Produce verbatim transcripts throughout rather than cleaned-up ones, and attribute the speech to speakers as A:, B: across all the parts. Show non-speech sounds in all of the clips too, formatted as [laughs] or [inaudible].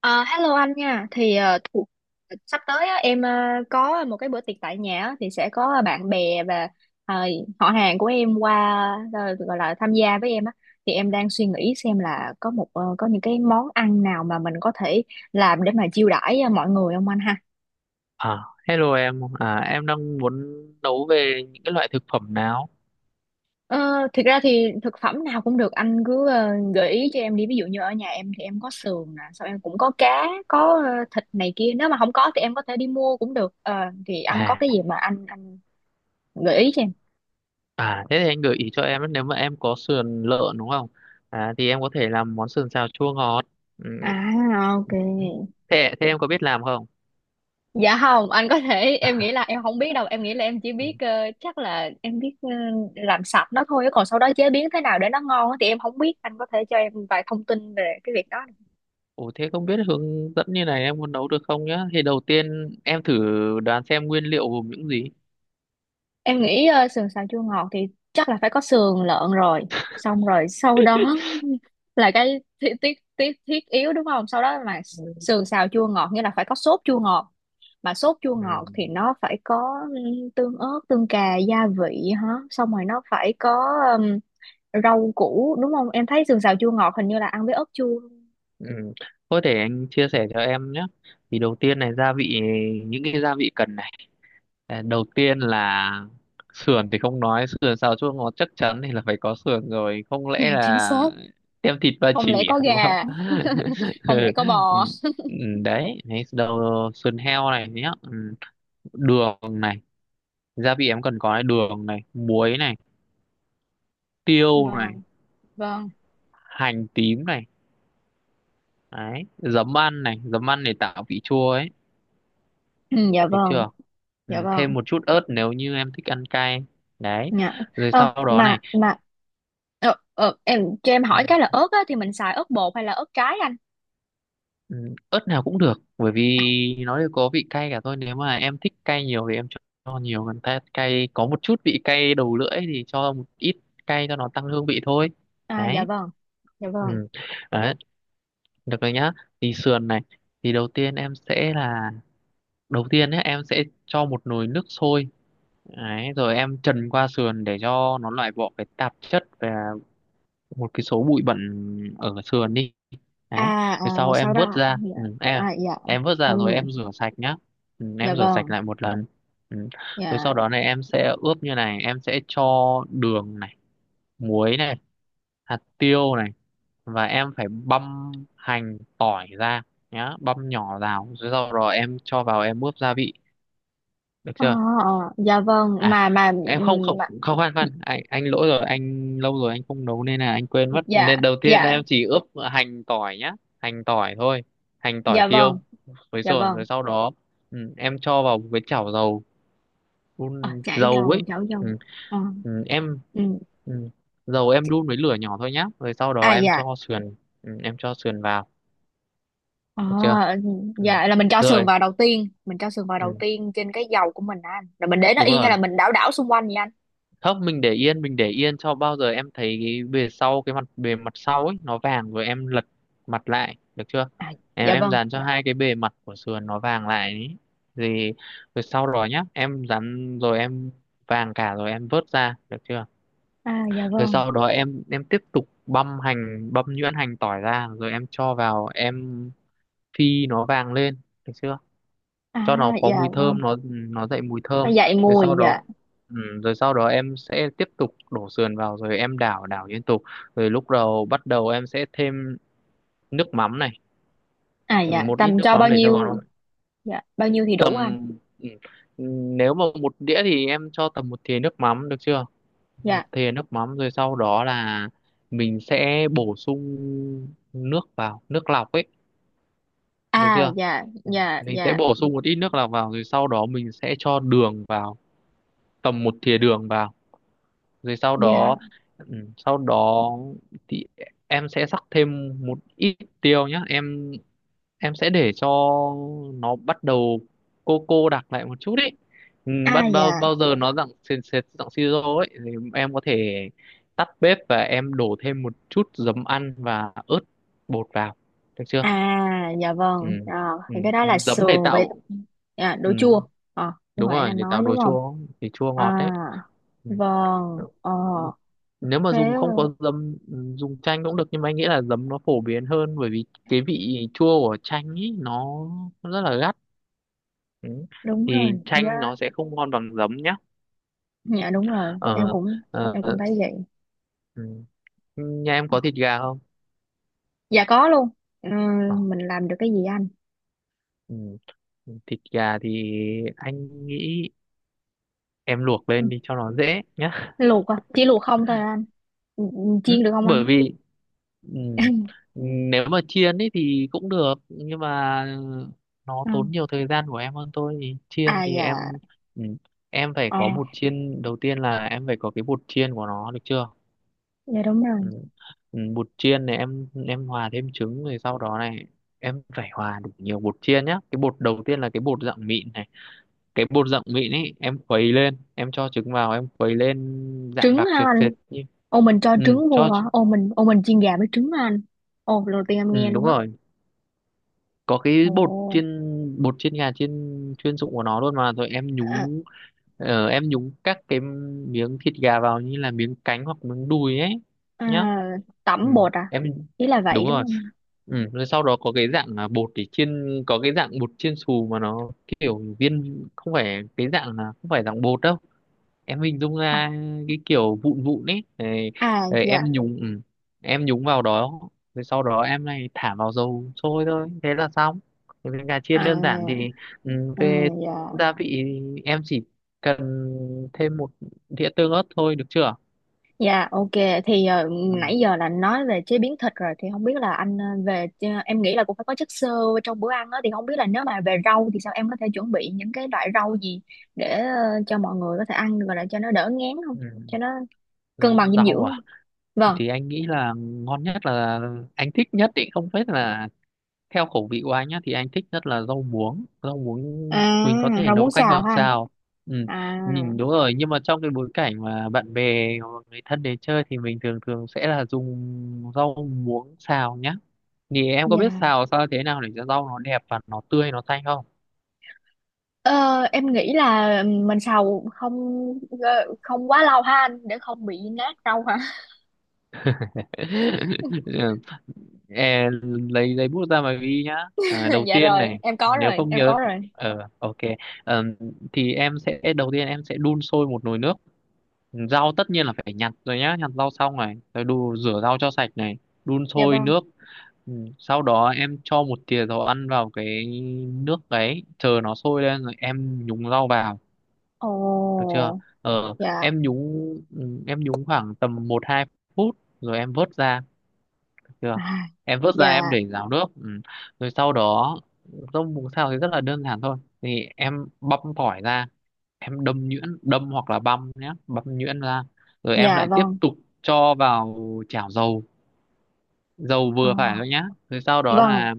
A: Ờ, Hello anh nha. Thì ờ, thủ- sắp tới á, em ờ, có một cái bữa tiệc tại nhà á, thì sẽ có bạn bè và ờ, họ hàng của em qua ờ, gọi là tham gia với em á. Thì em đang suy nghĩ xem là có một ờ, có những cái món ăn nào mà mình có thể làm để mà chiêu đãi ờ, mọi người không anh ha?
B: À, hello em, à, em đang muốn nấu về những cái loại thực phẩm nào?
A: Ờ, Thực ra thì thực phẩm nào cũng được, anh cứ ờ, gợi ý cho em đi, ví dụ như ở nhà em thì em có sườn nè, xong em cũng có cá, có ờ, thịt này kia, nếu mà không có thì em có thể đi mua cũng được. Ờ, thì anh có
B: À,
A: cái gì mà anh anh gợi ý cho em.
B: à thế thì anh gợi ý cho em ấy, nếu mà em có sườn lợn đúng không? À, thì em có thể làm món sườn xào chua ngọt. Ừ,
A: À, ok.
B: thế, thế em có biết làm không?
A: Dạ không, anh có thể, em nghĩ
B: [laughs]
A: là em không biết đâu, em nghĩ là em chỉ
B: Ừ.
A: biết ờ, chắc là em biết ờ, làm sạch nó thôi, còn sau đó chế biến thế nào để nó ngon á thì em không biết, anh có thể cho em vài thông tin về cái việc đó.
B: Ủa thế không biết hướng dẫn như này em muốn nấu được không nhá? Thì đầu tiên em thử đoán xem nguyên liệu gồm những gì.
A: Em nghĩ ờ, sườn xào chua ngọt thì chắc là phải có sườn lợn rồi. Xong rồi sau đó [laughs] là cái thiết thiết thiết thiết yếu đúng không? Sau đó mà sườn xào chua ngọt nghĩa là phải có sốt chua ngọt. Mà sốt chua ngọt thì
B: Ừ.
A: nó phải có ừm, tương ớt, tương cà, gia vị hả? Xong rồi nó phải có ừm, rau củ đúng không? Em thấy sườn xào chua ngọt hình như là ăn với ớt chua.
B: Ừ. Thôi để anh chia sẻ cho em nhé. Thì đầu tiên này, gia vị những cái gia vị cần. Ờ, đầu tiên là sườn, thì không nói sườn xào chua ngọt chắc chắn thì là phải có sườn rồi, không lẽ
A: [laughs] Chính
B: là
A: xác.
B: tem thịt ba
A: Không lẽ
B: chỉ
A: có
B: à,
A: gà?
B: đúng không?
A: [laughs]
B: [laughs]
A: Không
B: Ừ.
A: lẽ có
B: Ừ,
A: bò?
B: ừ, đấy đấy đầu sườn heo này nhé, ừ. Đường này, gia vị em cần có này: đường này, muối này, tiêu này,
A: Vâng, vâng.
B: hành tím này. Đấy, giấm ăn này, giấm ăn để tạo vị chua ấy,
A: Ừ, dạ
B: được
A: vâng,
B: chưa? Ừ.
A: dạ vâng.
B: Thêm một chút ớt nếu như em thích ăn cay. Đấy,
A: Dạ.
B: rồi
A: Ờ,
B: sau đó này.
A: mà mà ờ, ờ, em cho em hỏi cái là ớt á, thì mình xài ớt bột hay là ớt trái anh?
B: Ừ, ớt nào cũng được, bởi vì nó đều có vị cay cả thôi. Nếu mà em thích cay nhiều thì em cho cho nhiều, còn ta cay có một chút vị cay đầu lưỡi thì cho một ít, cay cho nó tăng hương vị thôi.
A: À dạ
B: Đấy,
A: vâng, dạ vâng.
B: ừ. Đấy, được rồi nhá. Thì sườn này, thì đầu tiên em sẽ là đầu tiên nhé, em sẽ cho một nồi nước sôi. Đấy, rồi em trần qua sườn để cho nó loại bỏ cái tạp chất và một cái số bụi bẩn ở sườn đi, đấy.
A: À, à
B: Rồi sau
A: sau
B: em
A: đó
B: vớt
A: ạ.
B: ra
A: Dạ,
B: ừ, em à,
A: à dạ.
B: em vớt
A: Ừ,
B: ra rồi em rửa sạch nhá. Ừ,
A: dạ
B: em rửa sạch
A: vâng.
B: lại một lần. Ừ. Rồi
A: Dạ.
B: sau đó này em sẽ ướp như này, em sẽ cho đường này, muối này, hạt tiêu này, và em phải băm hành tỏi ra nhá, băm nhỏ vào, rồi sau đó em cho vào em ướp gia vị, được
A: Ờ,
B: chưa?
A: ờ, dạ vâng
B: À
A: mà mà
B: em,
A: ừ,
B: không không
A: mà
B: không, khoan khoan, anh anh lỗi rồi, anh lâu rồi anh không nấu nên là anh quên mất,
A: dạ,
B: nên đầu tiên
A: dạ
B: em chỉ ướp hành tỏi nhá, hành tỏi thôi, hành tỏi
A: dạ
B: tiêu
A: vâng,
B: với
A: dạ
B: sườn,
A: vâng.
B: rồi sau đó ừ, em cho vào một cái chảo dầu,
A: Ờ,
B: đun
A: chả
B: dầu ấy.
A: dầu, chảo dầu.
B: ừ,
A: Ờ,
B: ừ, em
A: ừ.
B: ừ, Dầu em đun với lửa nhỏ thôi nhá, rồi sau đó
A: À
B: em
A: dạ.
B: cho sườn, ừ, em cho sườn vào,
A: Ờ,
B: được chưa?
A: ừ.
B: Ừ.
A: Dạ, là mình cho sườn
B: Rồi,
A: vào đầu tiên, mình cho sườn vào đầu
B: ừ,
A: tiên trên cái dầu của mình á anh. Rồi mình để nó
B: đúng
A: yên hay là
B: rồi.
A: mình đảo đảo xung quanh vậy anh?
B: Không, mình để yên, mình để yên cho bao giờ em thấy cái bề sau cái mặt bề mặt sau ấy nó vàng rồi em lật mặt lại, được chưa?
A: À
B: em
A: dạ
B: em
A: vâng.
B: dán cho hai cái bề mặt của sườn nó vàng lại ấy. Thì rồi sau đó nhá, em dán rồi em vàng cả rồi em vớt ra, được chưa?
A: À dạ
B: Rồi
A: vâng.
B: sau đó em em tiếp tục băm hành, băm nhuyễn hành tỏi ra rồi em cho vào em phi nó vàng lên, được chưa?
A: À
B: Cho nó có
A: dạ
B: mùi
A: vâng,
B: thơm, nó nó dậy mùi
A: nó
B: thơm.
A: dậy
B: rồi
A: mùi
B: sau
A: dạ.
B: đó ừ, Rồi sau đó em sẽ tiếp tục đổ sườn vào, rồi em đảo đảo liên tục. Rồi lúc đầu bắt đầu em sẽ thêm nước mắm này.
A: À
B: ừ,
A: dạ,
B: Một ít
A: tầm
B: nước
A: cho bao
B: mắm để cho
A: nhiêu?
B: nó,
A: Dạ bao nhiêu thì đủ anh?
B: tầm ừ, nếu mà một đĩa thì em cho tầm một thìa nước mắm, được chưa? Một
A: Dạ.
B: thìa nước mắm, rồi sau đó là mình sẽ bổ sung nước vào, nước lọc ấy, được
A: À
B: chưa?
A: dạ
B: Ừ.
A: dạ
B: Mình sẽ
A: dạ.
B: bổ sung một ít nước lọc vào rồi sau đó mình sẽ cho đường vào, tầm một thìa đường vào, rồi sau
A: Dạ,
B: đó. ừ, sau đó thì em sẽ rắc thêm một ít tiêu nhá, em em sẽ để cho nó bắt đầu cô cô đặc lại một chút ấy. Ừ, bắt
A: à
B: Bao
A: dạ.
B: bao giờ nó dạng sệt sệt, dạng siro ấy thì em có thể tắt bếp và em đổ thêm một chút giấm ăn và ớt bột vào, được chưa?
A: À dạ
B: Ừ.
A: vâng. À,
B: Ừ.
A: thì cái đó là
B: Giấm để
A: sườn
B: tạo,
A: với... Dạ,
B: ừ.
A: đồ chua. Ờ, như
B: Đúng
A: hồi nãy
B: rồi,
A: anh
B: để tạo
A: nói
B: đồ
A: đúng không.
B: chua, thì chua
A: À
B: ngọt đấy.
A: vâng, ờ
B: Ừ. Nếu mà dùng
A: thế
B: không có dấm, dùng chanh cũng được, nhưng mà anh nghĩ là dấm nó phổ biến hơn, bởi vì cái vị chua của chanh ý nó nó rất là gắt. Ừ.
A: đúng
B: Thì
A: rồi.
B: chanh
A: Dạ,
B: nó sẽ không ngon bằng dấm nhá.
A: dạ đúng rồi, em
B: ờ,
A: cũng
B: ờ,
A: em cũng thấy vậy.
B: ừ. Nhà em
A: Ờ,
B: có thịt gà không?
A: dạ có luôn. Ờ,
B: ờ,
A: mình làm được cái gì anh?
B: ừ. Thịt gà thì anh nghĩ em luộc
A: Ừ.
B: lên đi cho nó dễ nhá.
A: Luộc à, chỉ luộc không thôi à anh? Ừ, ừ,
B: Ừ,
A: chiên được không anh?
B: bởi vì, ừ, nếu mà chiên ấy thì cũng được, nhưng mà nó
A: À,
B: tốn nhiều thời gian của em hơn thôi. Thì chiên
A: à
B: thì
A: dạ.
B: em, ừ, em phải
A: ờ
B: có bột chiên, đầu tiên là em phải có cái bột chiên của nó, được chưa?
A: dạ đúng
B: Ừ.
A: rồi.
B: Ừ, bột chiên này em em hòa thêm trứng, rồi sau đó này em phải hòa đủ nhiều bột chiên nhá, cái bột đầu tiên là cái bột dạng mịn này, cái bột dạng mịn ấy em khuấy lên, em cho trứng vào, em khuấy lên dạng
A: Trứng
B: đặc
A: hả
B: sệt
A: anh?
B: sệt như,
A: Ô, mình cho
B: ừ,
A: trứng
B: cho
A: vô hả?
B: trứng-
A: Ô mình ô mình chiên gà với trứng hả anh? Ô, lần đầu tiên em
B: ừ,
A: nghe
B: đúng
A: luôn á.
B: rồi, có cái
A: Ồ.
B: bột chiên, bột chiên gà chiên chuyên dụng của nó luôn mà, rồi em
A: À,
B: nhúng. Ờ, em nhúng các cái miếng thịt gà vào như là miếng cánh hoặc miếng đùi ấy
A: à,
B: nhá. Ừ.
A: tẩm bột à,
B: Em
A: ý là vậy
B: đúng
A: đúng
B: rồi.
A: không?
B: Ừ. Rồi sau đó có cái dạng là bột để chiên, có cái dạng bột chiên xù mà nó kiểu viên, không phải cái dạng là không phải dạng bột đâu, em hình dung
A: À,
B: ra cái kiểu vụn vụn ấy. Đấy,
A: à
B: đấy,
A: dạ.
B: em nhúng ừ, em nhúng vào đó, rồi sau đó em này thả vào dầu sôi thôi, thế là xong. Thì với gà chiên đơn giản
A: À,
B: thì, ừ,
A: à
B: về
A: dạ.
B: gia vị em chỉ cần thêm một đĩa tương ớt thôi, được chưa?
A: Dạ, ok. Thì ờ,
B: Ừ.
A: nãy giờ là nói về chế biến thịt rồi, thì không biết là anh ờ, về ờ, em nghĩ là cũng phải có chất xơ trong bữa ăn đó, thì không biết là nếu mà về rau thì sao, em có thể chuẩn bị những cái loại rau gì để ờ, cho mọi người có thể ăn được rồi để cho nó đỡ ngán, không
B: Ừ.
A: cho nó cân bằng dinh
B: Rau
A: dưỡng
B: à?
A: không? Vâng.
B: Thì anh nghĩ là ngon nhất là anh thích nhất ý, không biết là theo khẩu vị của anh nhá, thì anh thích nhất là rau muống, rau muống
A: À,
B: mình có thể
A: rau muống
B: nấu canh
A: xào
B: hoặc
A: hả anh?
B: xào. ừ,
A: À
B: Nhìn đúng rồi, nhưng mà trong cái bối cảnh mà bạn bè hoặc người thân đến chơi thì mình thường thường sẽ là dùng rau muống xào nhá. Thì em có biết
A: dạ.
B: xào sao thế nào để cho rau nó đẹp và nó tươi, nó xanh không?
A: Ờ, em nghĩ là mình xào không ờ, không quá lâu ha anh, để không bị nát rau hả.
B: [laughs] Ừ, e- lấy giấy bút ra mà ghi nhá. À,
A: [laughs]
B: đầu
A: Dạ
B: tiên
A: rồi,
B: này,
A: em có
B: nếu
A: rồi,
B: không
A: em
B: nhớ.
A: có rồi.
B: Ờ ok. Ờm, thì em sẽ đầu tiên em sẽ đun sôi một nồi nước. Rau tất nhiên là phải nhặt rồi nhá, nhặt rau xong này, rồi đu rửa rau cho sạch này, đun
A: Dạ
B: sôi
A: vâng.
B: nước. Ừ. Sau đó em cho một thìa dầu ăn vào cái nước đấy, chờ nó sôi lên rồi em nhúng rau vào, được chưa?
A: Ồ,
B: ờ
A: dạ,
B: em nhúng ừ, em nhúng khoảng tầm một hai phút rồi em vớt ra, được chưa?
A: à,
B: Em vớt
A: dạ,
B: ra, em để ráo nước. Ừ. Rồi sau đó rau muống xào thì rất là đơn giản thôi, thì em băm tỏi ra, em đâm nhuyễn đâm hoặc là băm nhé, băm nhuyễn ra, rồi em
A: dạ
B: lại tiếp
A: vâng.
B: tục cho vào chảo dầu, dầu
A: Ờ,
B: vừa phải thôi nhá, rồi sau đó
A: vâng ạ,
B: là.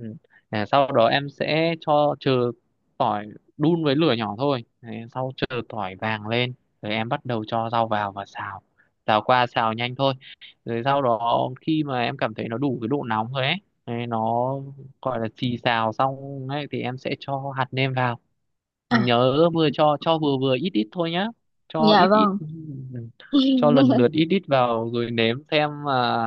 B: ừ, à, Sau đó em sẽ cho chờ tỏi, đun với lửa nhỏ thôi. Đấy, sau chờ tỏi vàng lên rồi em bắt đầu cho rau vào và xào, xào qua, xào nhanh thôi. Rồi sau đó khi mà em cảm thấy nó đủ cái độ nóng rồi ấy, đấy, nó gọi là xì xào xong ấy, thì em sẽ cho hạt nêm vào.
A: à,
B: Nhớ vừa cho cho vừa vừa ít ít thôi nhá, cho
A: dạ
B: ít ít,
A: vâng.
B: cho lần
A: [laughs]
B: lượt ít ít vào rồi nếm xem mà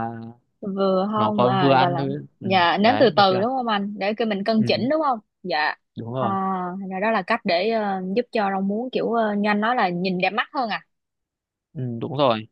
A: Vừa
B: nó
A: không,
B: có vừa
A: à, gọi
B: ăn
A: là,
B: thôi. Ừ.
A: dạ, nếm từ
B: Đấy, được
A: từ
B: chưa?
A: đúng không anh, để cái mình cân chỉnh
B: Ừ.
A: đúng không, dạ.
B: Đúng
A: À,
B: rồi.
A: thành ra đó là cách để ờ, giúp cho rau muống kiểu ờ, như anh nói là nhìn đẹp mắt hơn à.
B: ừ, Đúng rồi.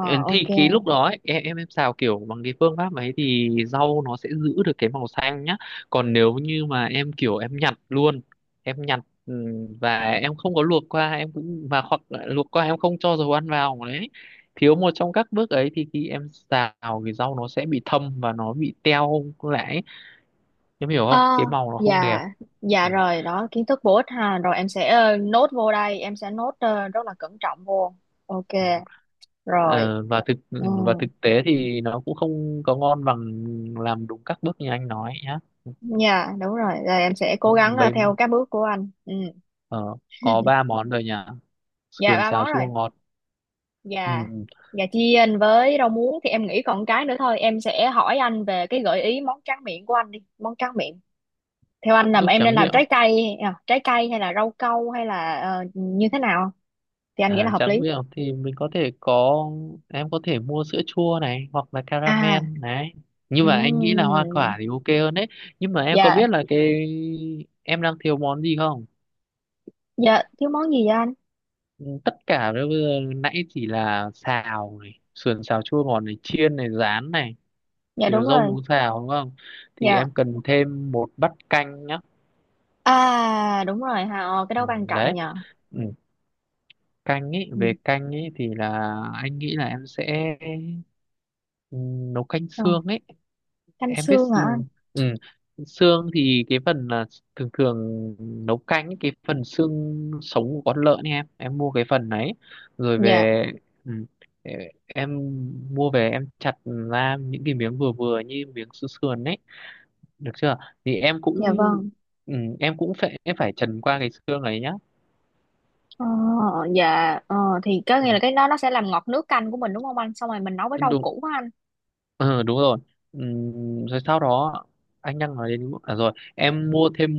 B: Ừ, thì
A: ok,
B: cái lúc đó ấy, em em em xào kiểu bằng cái phương pháp ấy thì rau nó sẽ giữ được cái màu xanh nhá. Còn nếu như mà em kiểu em nhặt luôn em nhặt, ừ, và em không có luộc qua, em cũng và hoặc là luộc qua em không cho dầu ăn vào đấy, thiếu một trong các bước ấy thì khi em xào thì rau nó sẽ bị thâm và nó bị teo lại ấy. Em hiểu không?
A: à,
B: Cái màu nó không đẹp.
A: dạ. Dạ
B: Ừ.
A: rồi, đó, kiến thức bổ ích ha, rồi em sẽ ờ, nốt vô đây, em sẽ nốt ờ, rất là cẩn trọng vô. Ok,
B: Ừ.
A: rồi,
B: Ờ, và thực
A: ừ.
B: ừ, và thực tế thì nó cũng không có ngon bằng làm đúng các bước như anh nói nhá.
A: Dạ đúng rồi, rồi em sẽ cố gắng ờ,
B: bây
A: theo các bước của anh, ừ.
B: ờ, có ba món rồi nhỉ:
A: Dạ,
B: sườn
A: ba
B: xào
A: món rồi.
B: chua ngọt. Ừ.
A: Gà gà chiên với rau muống, thì em nghĩ còn cái nữa thôi, em sẽ hỏi anh về cái gợi ý món tráng miệng của anh đi. Món tráng miệng theo anh là
B: Ướp
A: em nên
B: tráng
A: làm
B: miệng.
A: trái cây? À, trái cây hay là rau câu hay là ờ, như thế nào thì anh nghĩ
B: À,
A: là hợp
B: tráng
A: lý?
B: miệng thì mình có thể có em có thể mua sữa chua này, hoặc là
A: À,
B: caramel này, nhưng mà anh nghĩ là hoa
A: ừm,
B: quả thì ok hơn đấy. Nhưng mà em có
A: dạ.
B: biết là cái em đang thiếu món gì không?
A: Dạ thiếu món gì vậy anh?
B: Ừ, tất cả bây giờ nãy chỉ là xào này, sườn xào chua ngọt này, chiên này, rán này,
A: Dạ
B: rồi
A: đúng
B: rau
A: rồi.
B: muống xào đúng không? Thì
A: Dạ,
B: em cần thêm một bát canh nhá.
A: à đúng rồi ha, ờ, cái đó
B: Ừ,
A: quan trọng
B: đấy.
A: nhờ.
B: Ừ, canh ý
A: Ừ.
B: về canh ý thì là, anh nghĩ là em sẽ, ừ, nấu canh
A: Ờ,
B: xương ấy.
A: canh
B: em biết
A: xương hả anh?
B: xương- ừ. Xương thì cái phần là thường thường nấu canh ý, cái phần xương sống của con lợn ấy, em em mua cái phần đấy, rồi
A: Dạ.
B: về, ừ, ờ, em mua về em chặt ra những cái miếng vừa vừa như miếng xương sườn ấy, được chưa? Thì em cũng,
A: Dạ vâng.
B: ừ, em cũng phải em phải trần qua cái xương ấy nhá.
A: Ờ, dạ, ờ, thì có nghĩa là
B: Ừ.
A: cái đó nó sẽ làm ngọt nước canh của mình đúng không anh, xong rồi mình nấu với rau
B: Đúng
A: củ á anh.
B: Ừ, đúng rồi. Ừm, rồi sau đó anh đang nói đến, à rồi em mua thêm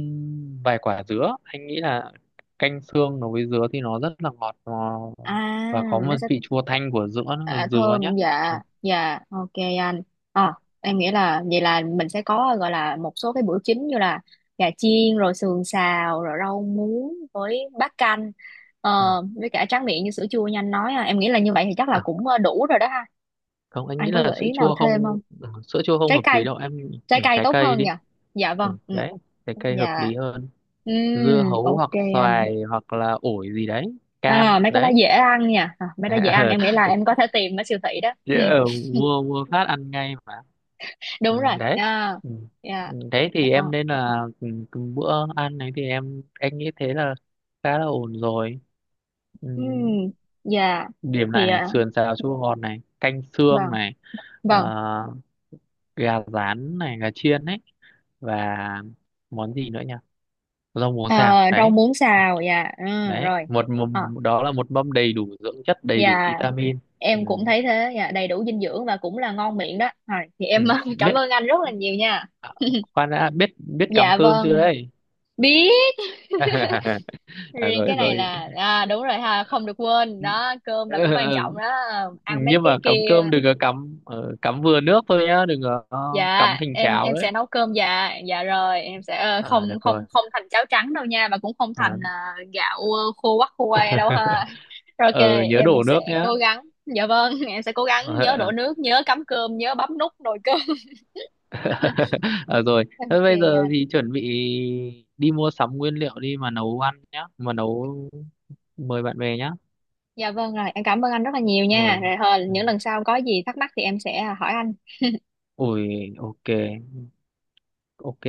B: vài quả dứa. Anh nghĩ là canh xương nó với dứa thì nó rất là ngọt nó, và có
A: À,
B: một
A: nó sẽ...
B: vị chua thanh của dứa,
A: À,
B: dứa nhé.
A: thơm, dạ
B: Ừ.
A: dạ, ok anh. Ờ, em nghĩ là vậy là mình sẽ có gọi là một số cái bữa chính như là gà chiên rồi sườn xào rồi rau muống với bát canh, ờ,
B: Ừ.
A: với cả tráng miệng như sữa chua như anh nói à. Em nghĩ là như vậy thì chắc là
B: À
A: cũng ờ, đủ rồi đó ha.
B: không, anh
A: Anh
B: nghĩ
A: có
B: là
A: gợi
B: sữa
A: ý nào
B: chua
A: thêm
B: không
A: không?
B: ừ, sữa chua không
A: Trái
B: hợp lý
A: cây.
B: đâu em.
A: Trái
B: Ừ,
A: cây
B: trái
A: tốt
B: cây
A: hơn
B: đi.
A: nhỉ. Dạ
B: Ừ,
A: vâng, ừ,
B: đấy, trái cây hợp
A: dạ.
B: lý hơn.
A: Ừm,
B: Dưa hấu
A: ok
B: hoặc
A: anh.
B: xoài hoặc là ổi gì đấy, cam
A: À, mấy cái đó
B: đấy.
A: dễ ăn nha, à, mấy đó dễ
B: [laughs]
A: ăn,
B: Ờ,
A: em nghĩ là em có thể tìm ở siêu thị đó, ừ,
B: chứ, ờ, mua mua phát ăn ngay.
A: đúng
B: Ừ,
A: rồi.
B: đấy,
A: À,
B: ừ.
A: dạ,
B: Đấy thì
A: ờ,
B: em nên là, ừ, từng bữa ăn này thì em anh nghĩ thế là khá là ổn rồi. Ừ.
A: ừ, dạ
B: Điểm lại
A: thì
B: này:
A: à,
B: sườn xào chua ngọt này, canh xương
A: vâng
B: này, ờ,
A: vâng.
B: gà rán này, gà chiên ấy, và món gì nữa nhỉ, rau muống xào
A: À, rau
B: đấy.
A: muống xào, dạ ừ,
B: Đấy
A: rồi.
B: một
A: Ờ,
B: mâm, đó là một mâm đầy đủ dưỡng chất, đầy đủ
A: dạ
B: vitamin. Ừ.
A: em cũng thấy thế. Dạ, đầy đủ dinh dưỡng và cũng là ngon miệng đó, rồi thì em
B: Ừ.
A: [laughs] cảm
B: biết
A: ơn anh rất là nhiều nha.
B: à, Khoan đã, biết biết cắm
A: Dạ
B: cơm chưa
A: vâng,
B: đấy?
A: biết.
B: [laughs] À,
A: Riêng
B: rồi
A: cái này
B: rồi.
A: là à, đúng rồi ha, không được
B: [laughs]
A: quên đó, cơm là cũng quan
B: Ừ,
A: trọng đó. À, ăn mấy
B: nhưng mà
A: cái
B: cắm cơm
A: kia.
B: đừng có cắm ờ, cắm vừa nước thôi nhá, đừng có ờ,
A: Dạ,
B: cắm thành
A: em
B: cháo
A: em
B: đấy.
A: sẽ nấu cơm, dạ dạ rồi em sẽ ờ, không
B: À, được rồi.
A: không không thành cháo trắng đâu nha, mà cũng không
B: à,
A: thành ờ, gạo ờ, khô quắc khô que đâu ha. Rồi, ok,
B: ờ, Nhớ
A: em
B: đổ nước
A: sẽ
B: nhá.
A: cố gắng. Dạ vâng [laughs] em sẽ cố gắng nhớ đổ
B: Ờ,
A: nước, nhớ cắm cơm, nhớ bấm nút nồi cơm.
B: [laughs] ờ, rồi
A: [laughs]
B: thế
A: Ok
B: bây giờ
A: anh.
B: thì chuẩn bị đi mua sắm nguyên liệu đi mà nấu ăn nhá, mà nấu mời bạn bè nhá,
A: Dạ vâng, rồi em cảm ơn anh rất là nhiều nha,
B: rồi.
A: rồi thôi,
B: Ừ.
A: những lần sau có gì thắc mắc thì em sẽ ờ, hỏi anh.
B: Ui, ok ok.